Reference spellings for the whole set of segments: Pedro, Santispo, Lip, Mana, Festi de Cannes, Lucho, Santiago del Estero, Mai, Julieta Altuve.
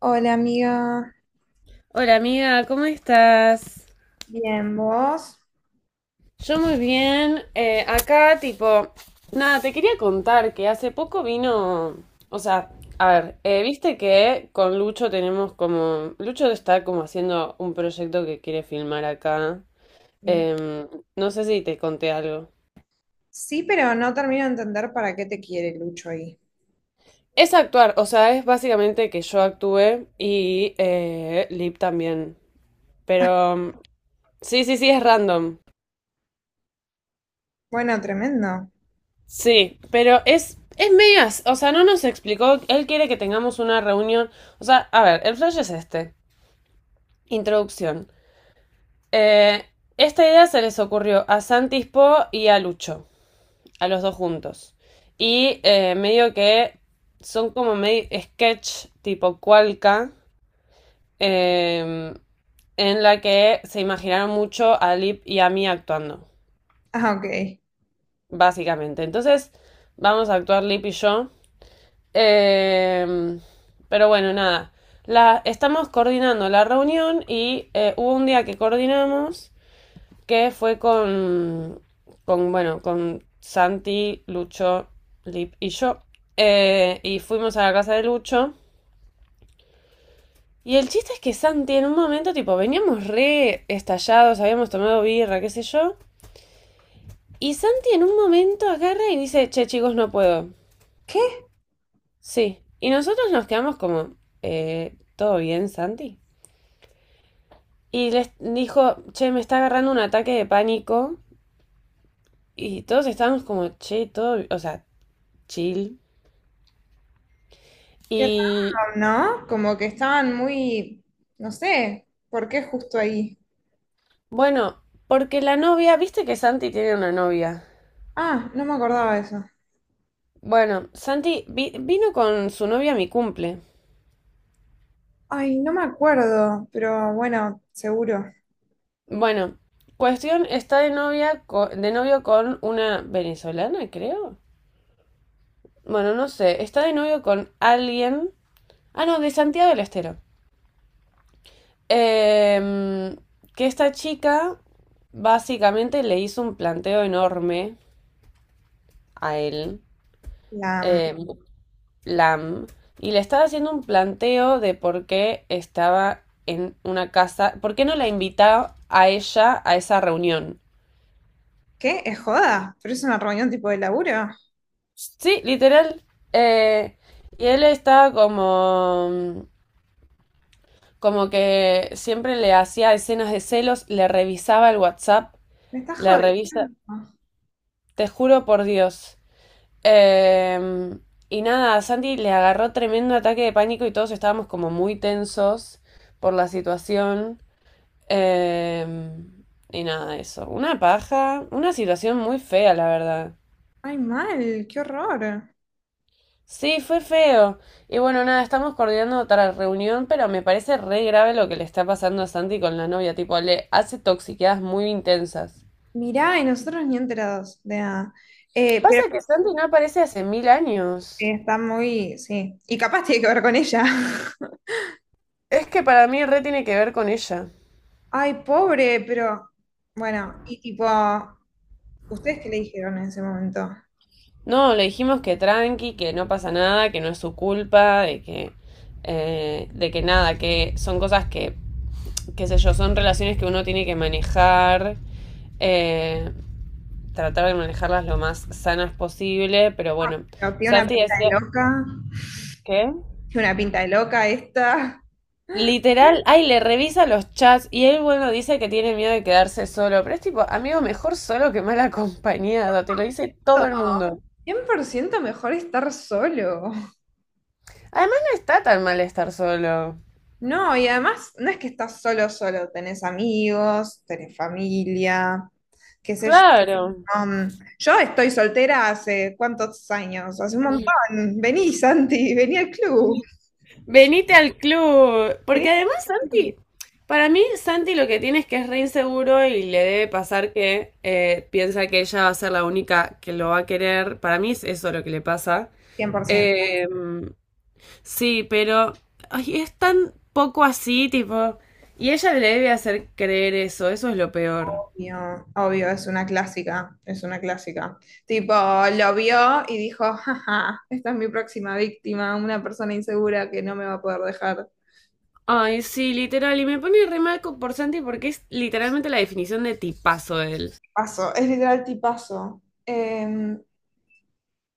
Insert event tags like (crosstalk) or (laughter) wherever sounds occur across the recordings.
Hola amiga. Hola amiga, ¿cómo estás? Bien, vos. Yo muy bien. Acá, tipo, nada, te quería contar que hace poco vino, o sea, a ver, viste que con Lucho tenemos como, Lucho está como haciendo un proyecto que quiere filmar acá. Sí. Em, no sé si te conté algo. Sí, pero no termino de entender para qué te quiere Lucho ahí. Es actuar, o sea, es básicamente que yo actúe y Lip también. Pero sí, sí, sí, es random. Bueno, tremendo. Sí, pero es medio, o sea, no nos explicó, él quiere que tengamos una reunión, o sea, a ver, el flash es este, introducción. Eh, esta idea se les ocurrió a Santispo y a Lucho, a los dos juntos. Y medio que son como medio sketch tipo Cualca, eh, en la que se imaginaron mucho a Lip y a mí actuando, Ah, ok. básicamente. Entonces, vamos a actuar Lip y yo. Eh, pero bueno, nada. Estamos coordinando la reunión y hubo un día que coordinamos que fue con bueno, con Santi, Lucho, Lip y yo. Y fuimos a la casa de Lucho. Y el chiste es que Santi en un momento, tipo, veníamos re estallados, habíamos tomado birra, qué sé yo. Y Santi en un momento agarra y dice, che chicos, no puedo. ¿Qué? Sí. Y nosotros nos quedamos como, ¿todo bien, Santi? Y les dijo, che, me está agarrando un ataque de pánico. Y todos estábamos como, che, todo, o sea, chill. Qué raro, Y ¿no? Como que estaban muy, no sé, ¿por qué justo ahí? bueno, porque la novia, viste que Santi tiene una novia. Ah, no me acordaba de eso. Bueno, vino con su novia a mi cumple. Ay, no me acuerdo, pero bueno, seguro. Bueno, cuestión está de novia co- de novio con una venezolana, creo. Bueno, no sé, está de novio con alguien. Ah, no, de Santiago del Estero. Em, que esta chica básicamente le hizo un planteo enorme a él, La, em, Lam, y le estaba haciendo un planteo de por qué estaba en una casa, por qué no la invitaba a ella a esa reunión. ¿qué? ¿Es joda? ¿Pero es una reunión tipo de laburo? Sí, literal. Eh, y él estaba como, como que siempre le hacía escenas de celos, le revisaba el WhatsApp, Me estás le jodiendo. revisa, te juro por Dios. Eh, y nada, a Santi le agarró tremendo ataque de pánico y todos estábamos como muy tensos por la situación. Eh, y nada, eso. Una paja, una situación muy fea, la verdad. Ay, mal, qué horror. Sí, fue feo. Y bueno, nada, estamos coordinando otra reunión, pero me parece re grave lo que le está pasando a Santi con la novia. Tipo, le hace toxiqueadas muy intensas. Mirá, y nosotros ni enterados de nada. Pero Pasa que Santi no aparece hace mil años. Está muy, sí. Y capaz tiene que ver con ella. (laughs) Es que para mí re tiene que ver con ella. Ay, pobre, pero bueno, y tipo, ¿ustedes qué le dijeron en ese momento? No, le dijimos que tranqui, que no pasa nada, que no es su culpa, de que nada, que son cosas que, qué sé yo, son relaciones que uno tiene que manejar, eh, tratar de manejarlas lo más sanas posible, pero bueno, Pero tiene una Santi pinta decía de loca, que... tiene una pinta de loca esta. Literal, ay, le revisa los chats y él, bueno, dice que tiene miedo de quedarse solo, pero es tipo, amigo, mejor solo que mal acompañado, te lo dice No, todo el mundo. 100% mejor estar solo. Además, no está tan mal estar solo. No, y además no es que estás solo, solo, tenés amigos, tenés familia, qué sé yo. Claro. Um, yo estoy soltera hace cuántos años, hace un montón. Vení, Santi, vení al club. Venite al club. Vení. Porque además Santi, para mí Santi lo que tiene es que es re inseguro y le debe pasar que piensa que ella va a ser la única que lo va a querer. Para mí es eso lo que le pasa. 100%. Eh, sí, pero ay, es tan poco así, tipo. Y ella le debe hacer creer eso, eso es lo peor. Obvio, obvio, es una clásica, es una clásica. Tipo, lo vio y dijo, jaja, esta es mi próxima víctima, una persona insegura que no me va a poder dejar. Ay, sí, literal. Y me pone por Santi porque es literalmente la definición de tipazo él. Paso, es literal tipazo. Eh,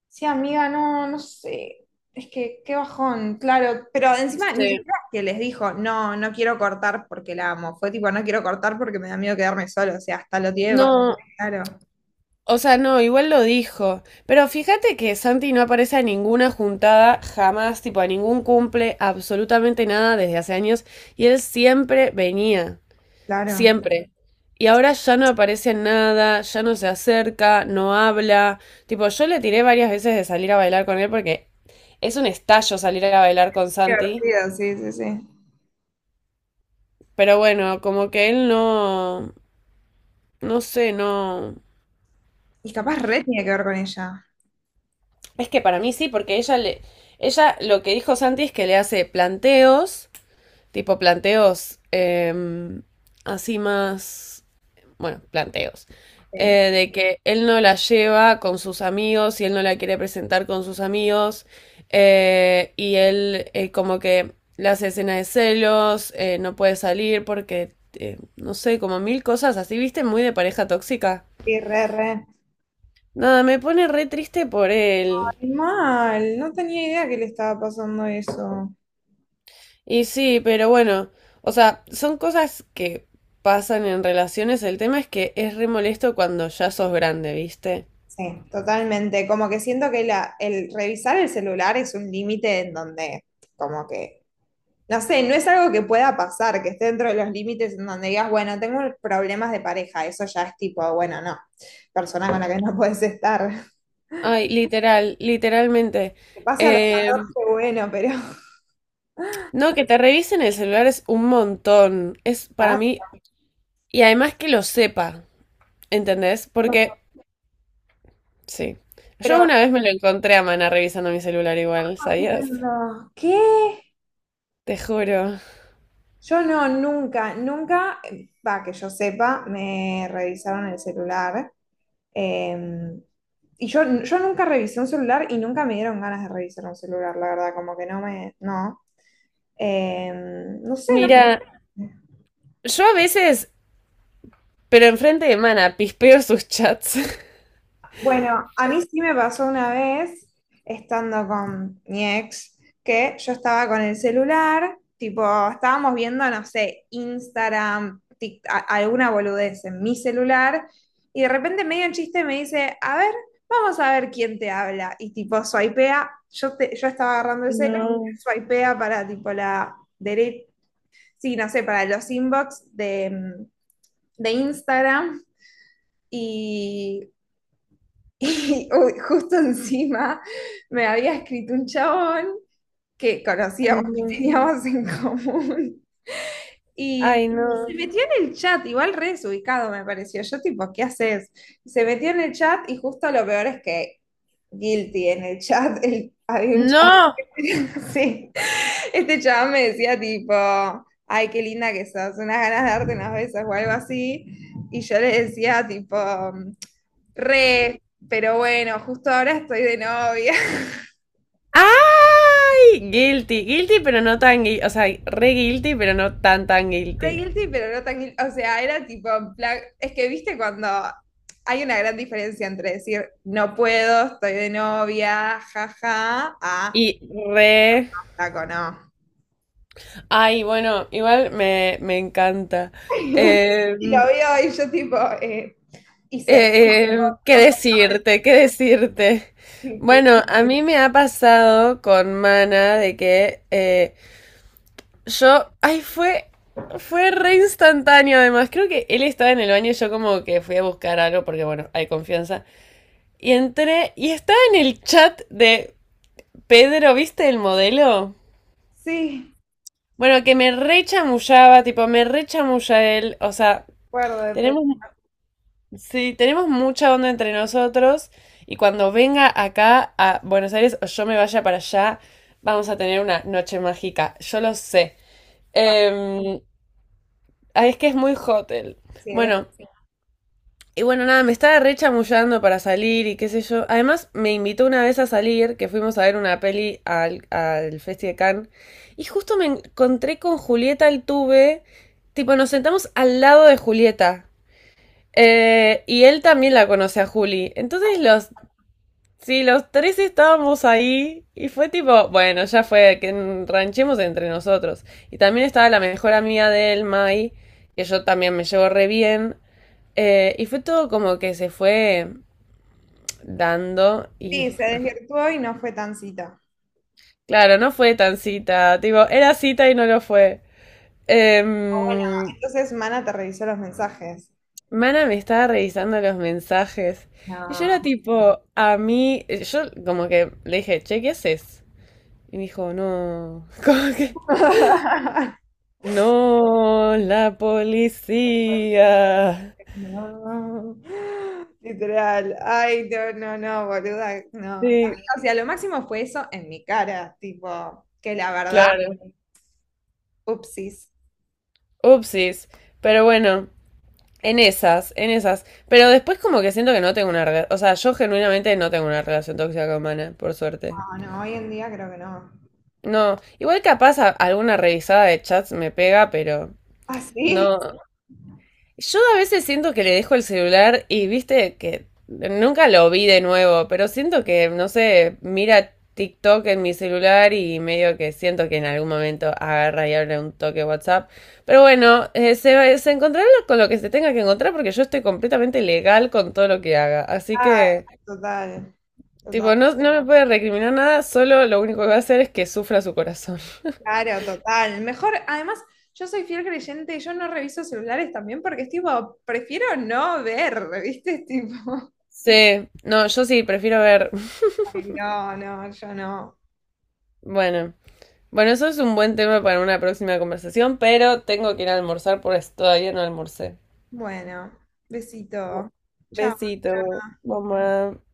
Sí, amiga, no, no sé. Es que qué bajón, claro. Pero encima ni Sí. siquiera es que les dijo, no, no quiero cortar porque la amo. Fue tipo, no quiero cortar porque me da miedo quedarme solo. O sea, hasta lo tiene bastante No, claro, o sea, no, igual lo dijo. Pero fíjate que Santi no aparece a ninguna juntada jamás, tipo a ningún cumple, absolutamente nada desde hace años. Y él siempre venía, claro. siempre. Y ahora ya no aparece en nada, ya no se acerca, no habla. Tipo, yo le tiré varias veces de salir a bailar con él porque es un estallo salir a bailar con Qué Santi. divertido, sí, sí, sí. Pero bueno, como que él no, no sé, no. Y capaz re tiene que ver con ella. Es que para mí sí, porque ella le. Ella lo que dijo Santi es que le hace planteos, tipo planteos así más. Bueno, planteos. Sí, Eh, de que él no la lleva con sus amigos y él no la quiere presentar con sus amigos. Y él como que le hace escena de celos, no puede salir porque, no sé, como mil cosas así, ¿viste? Muy de pareja tóxica. sí, re, re. Nada, me pone re triste por él. Ay, mal, no tenía idea que le estaba pasando eso. Y sí, pero bueno, o sea, son cosas que pasan en relaciones. El tema es que es re molesto cuando ya sos grande, ¿viste? Sí, totalmente. Como que siento que la, el revisar el celular es un límite en donde como que no sé, no es algo que pueda pasar, que esté dentro de los límites en donde digas, bueno, tengo problemas de pareja, eso ya es tipo, bueno, no, persona con la que no (laughs) puedes estar. Ay, literal, literalmente. Que pase a los Eh, 14, bueno, pero... no, que te revisen el celular es un montón. Es (laughs) para ah, mí. Y además que lo sepa, ¿entendés? no. Porque, sí. Yo Pero, una vez me lo encontré a Mana revisando mi celular igual, ¿sabías? jodiendo. ¿Qué? Te juro. Yo no, nunca, nunca, va, que yo sepa, me revisaron el celular. eh, yo nunca revisé un celular y nunca me dieron ganas de revisar un celular, la verdad, como que no me, no. Eh, no sé, no. Mira, yo a veces, pero enfrente de Mana, pispeo sus chats. (laughs) Bueno, a mí sí me pasó una vez, estando con mi ex, que yo estaba con el celular, tipo, estábamos viendo, no sé, Instagram, Tik- a- alguna boludez en mi celular, y de repente medio en chiste me dice, a ver, vamos a ver quién te habla. Y tipo, swipea, yo, te- yo estaba agarrando el celular, No. swipea para tipo la derecha, sí, no sé, para los inbox de, de Instagram. Y (laughs) y uy, justo encima me había escrito un chabón que Ay, conocíamos, que no. teníamos en común. Y Ay, no. se metió en el chat, igual re desubicado me pareció. Yo tipo, ¿qué haces? Se metió en el chat y justo lo peor es que guilty en el chat. El- había un ¡No! (laughs) sí, este chaval me decía tipo, ay, qué linda que sos, unas ganas de darte unas besos o algo así. Y yo le decía tipo, re, pero bueno, justo ahora estoy de novia. (laughs) ¡Ay! Guilty, guilty, pero no tan guilty. O sea, re guilty, pero no tan tan Re guilty. guilty, pero no tan guilty. O sea, era tipo, en plan- es que viste cuando hay una gran diferencia entre decir, no puedo, estoy de novia, jaja, a, Y re. taco, no. Ay, bueno, igual me, me encanta. (laughs) Eh, Y lo veo y yo tipo, eh, hice... ¿Qué decirte? ¿Qué decirte? Bueno, (laughs) a mí me ha pasado con Mana de que yo. Ay, fue. Fue re instantáneo, además. Creo que él estaba en el baño y yo como que fui a buscar algo porque, bueno, hay confianza. Y entré y estaba en el chat de Pedro, ¿viste el modelo? Sí, Bueno, que me rechamullaba, tipo, me rechamulla él. O sea, acuerdo, de- pe- tenemos, sí, tenemos mucha onda entre nosotros. Y cuando venga acá a Buenos Aires o yo me vaya para allá, vamos a tener una noche mágica. Yo lo sé. pa- Em, ah, es que es muy hotel. sí, de- Bueno, y bueno, nada, me estaba re chamullando para salir y qué sé yo. Además, me invitó una vez a salir, que fuimos a ver una peli al, al Festi de Cannes. Y justo me encontré con Julieta Altuve. Tipo, nos sentamos al lado de Julieta. Y él también la conoce a Juli. Entonces los, sí, los tres estábamos ahí y fue tipo, bueno, ya fue, que ranchemos entre nosotros. Y también estaba la mejor amiga de él, Mai, que yo también me llevo re bien. Y fue todo como que se fue dando y sí, se desvirtuó y no fue tan cita. claro, no fue tan cita, tipo, era cita y no lo fue. O bueno, Em, entonces Mana te revisó los mensajes. Mana me estaba revisando los mensajes y yo No. era tipo, a mí, yo como que le dije, che, ¿qué haces? Y me dijo, no, (laughs) como que, (laughs) no, la policía. No. Literal. Ay, no, no, no, boluda, no. Sí, O sea, lo máximo fue eso en mi cara, tipo, que la verdad, claro, upsis. upsis, pero bueno. En esas, en esas. Pero después como que siento que no tengo una relación. O sea, yo genuinamente no tengo una relación tóxica con Mana, por suerte. No, no, hoy en día creo que no. No. Igual capaz alguna revisada de chats me pega, pero ¿Ah, sí? no. Yo a veces siento que le dejo el celular y viste que nunca lo vi de nuevo, pero siento que, no sé, mira TikTok en mi celular y medio que siento que en algún momento agarra y abre un toque WhatsApp. Pero bueno, se, se encontrará con lo que se tenga que encontrar porque yo estoy completamente legal con todo lo que haga. Así Ah, que, total, tipo, total. no, no me puede recriminar nada, solo lo único que va a hacer es que sufra su corazón. (laughs) Claro, total. Mejor, además, yo soy fiel creyente y yo no reviso celulares también porque es tipo, prefiero no ver, (laughs) ¿viste? Es tipo, (laughs) Sí, no, yo sí, prefiero ver. (laughs) ay, no, no, yo no. Bueno. Bueno, eso es un buen tema para una próxima conversación, pero tengo que ir a almorzar porque todavía no almorcé. Bueno, besito. Chao. Besito, mamá.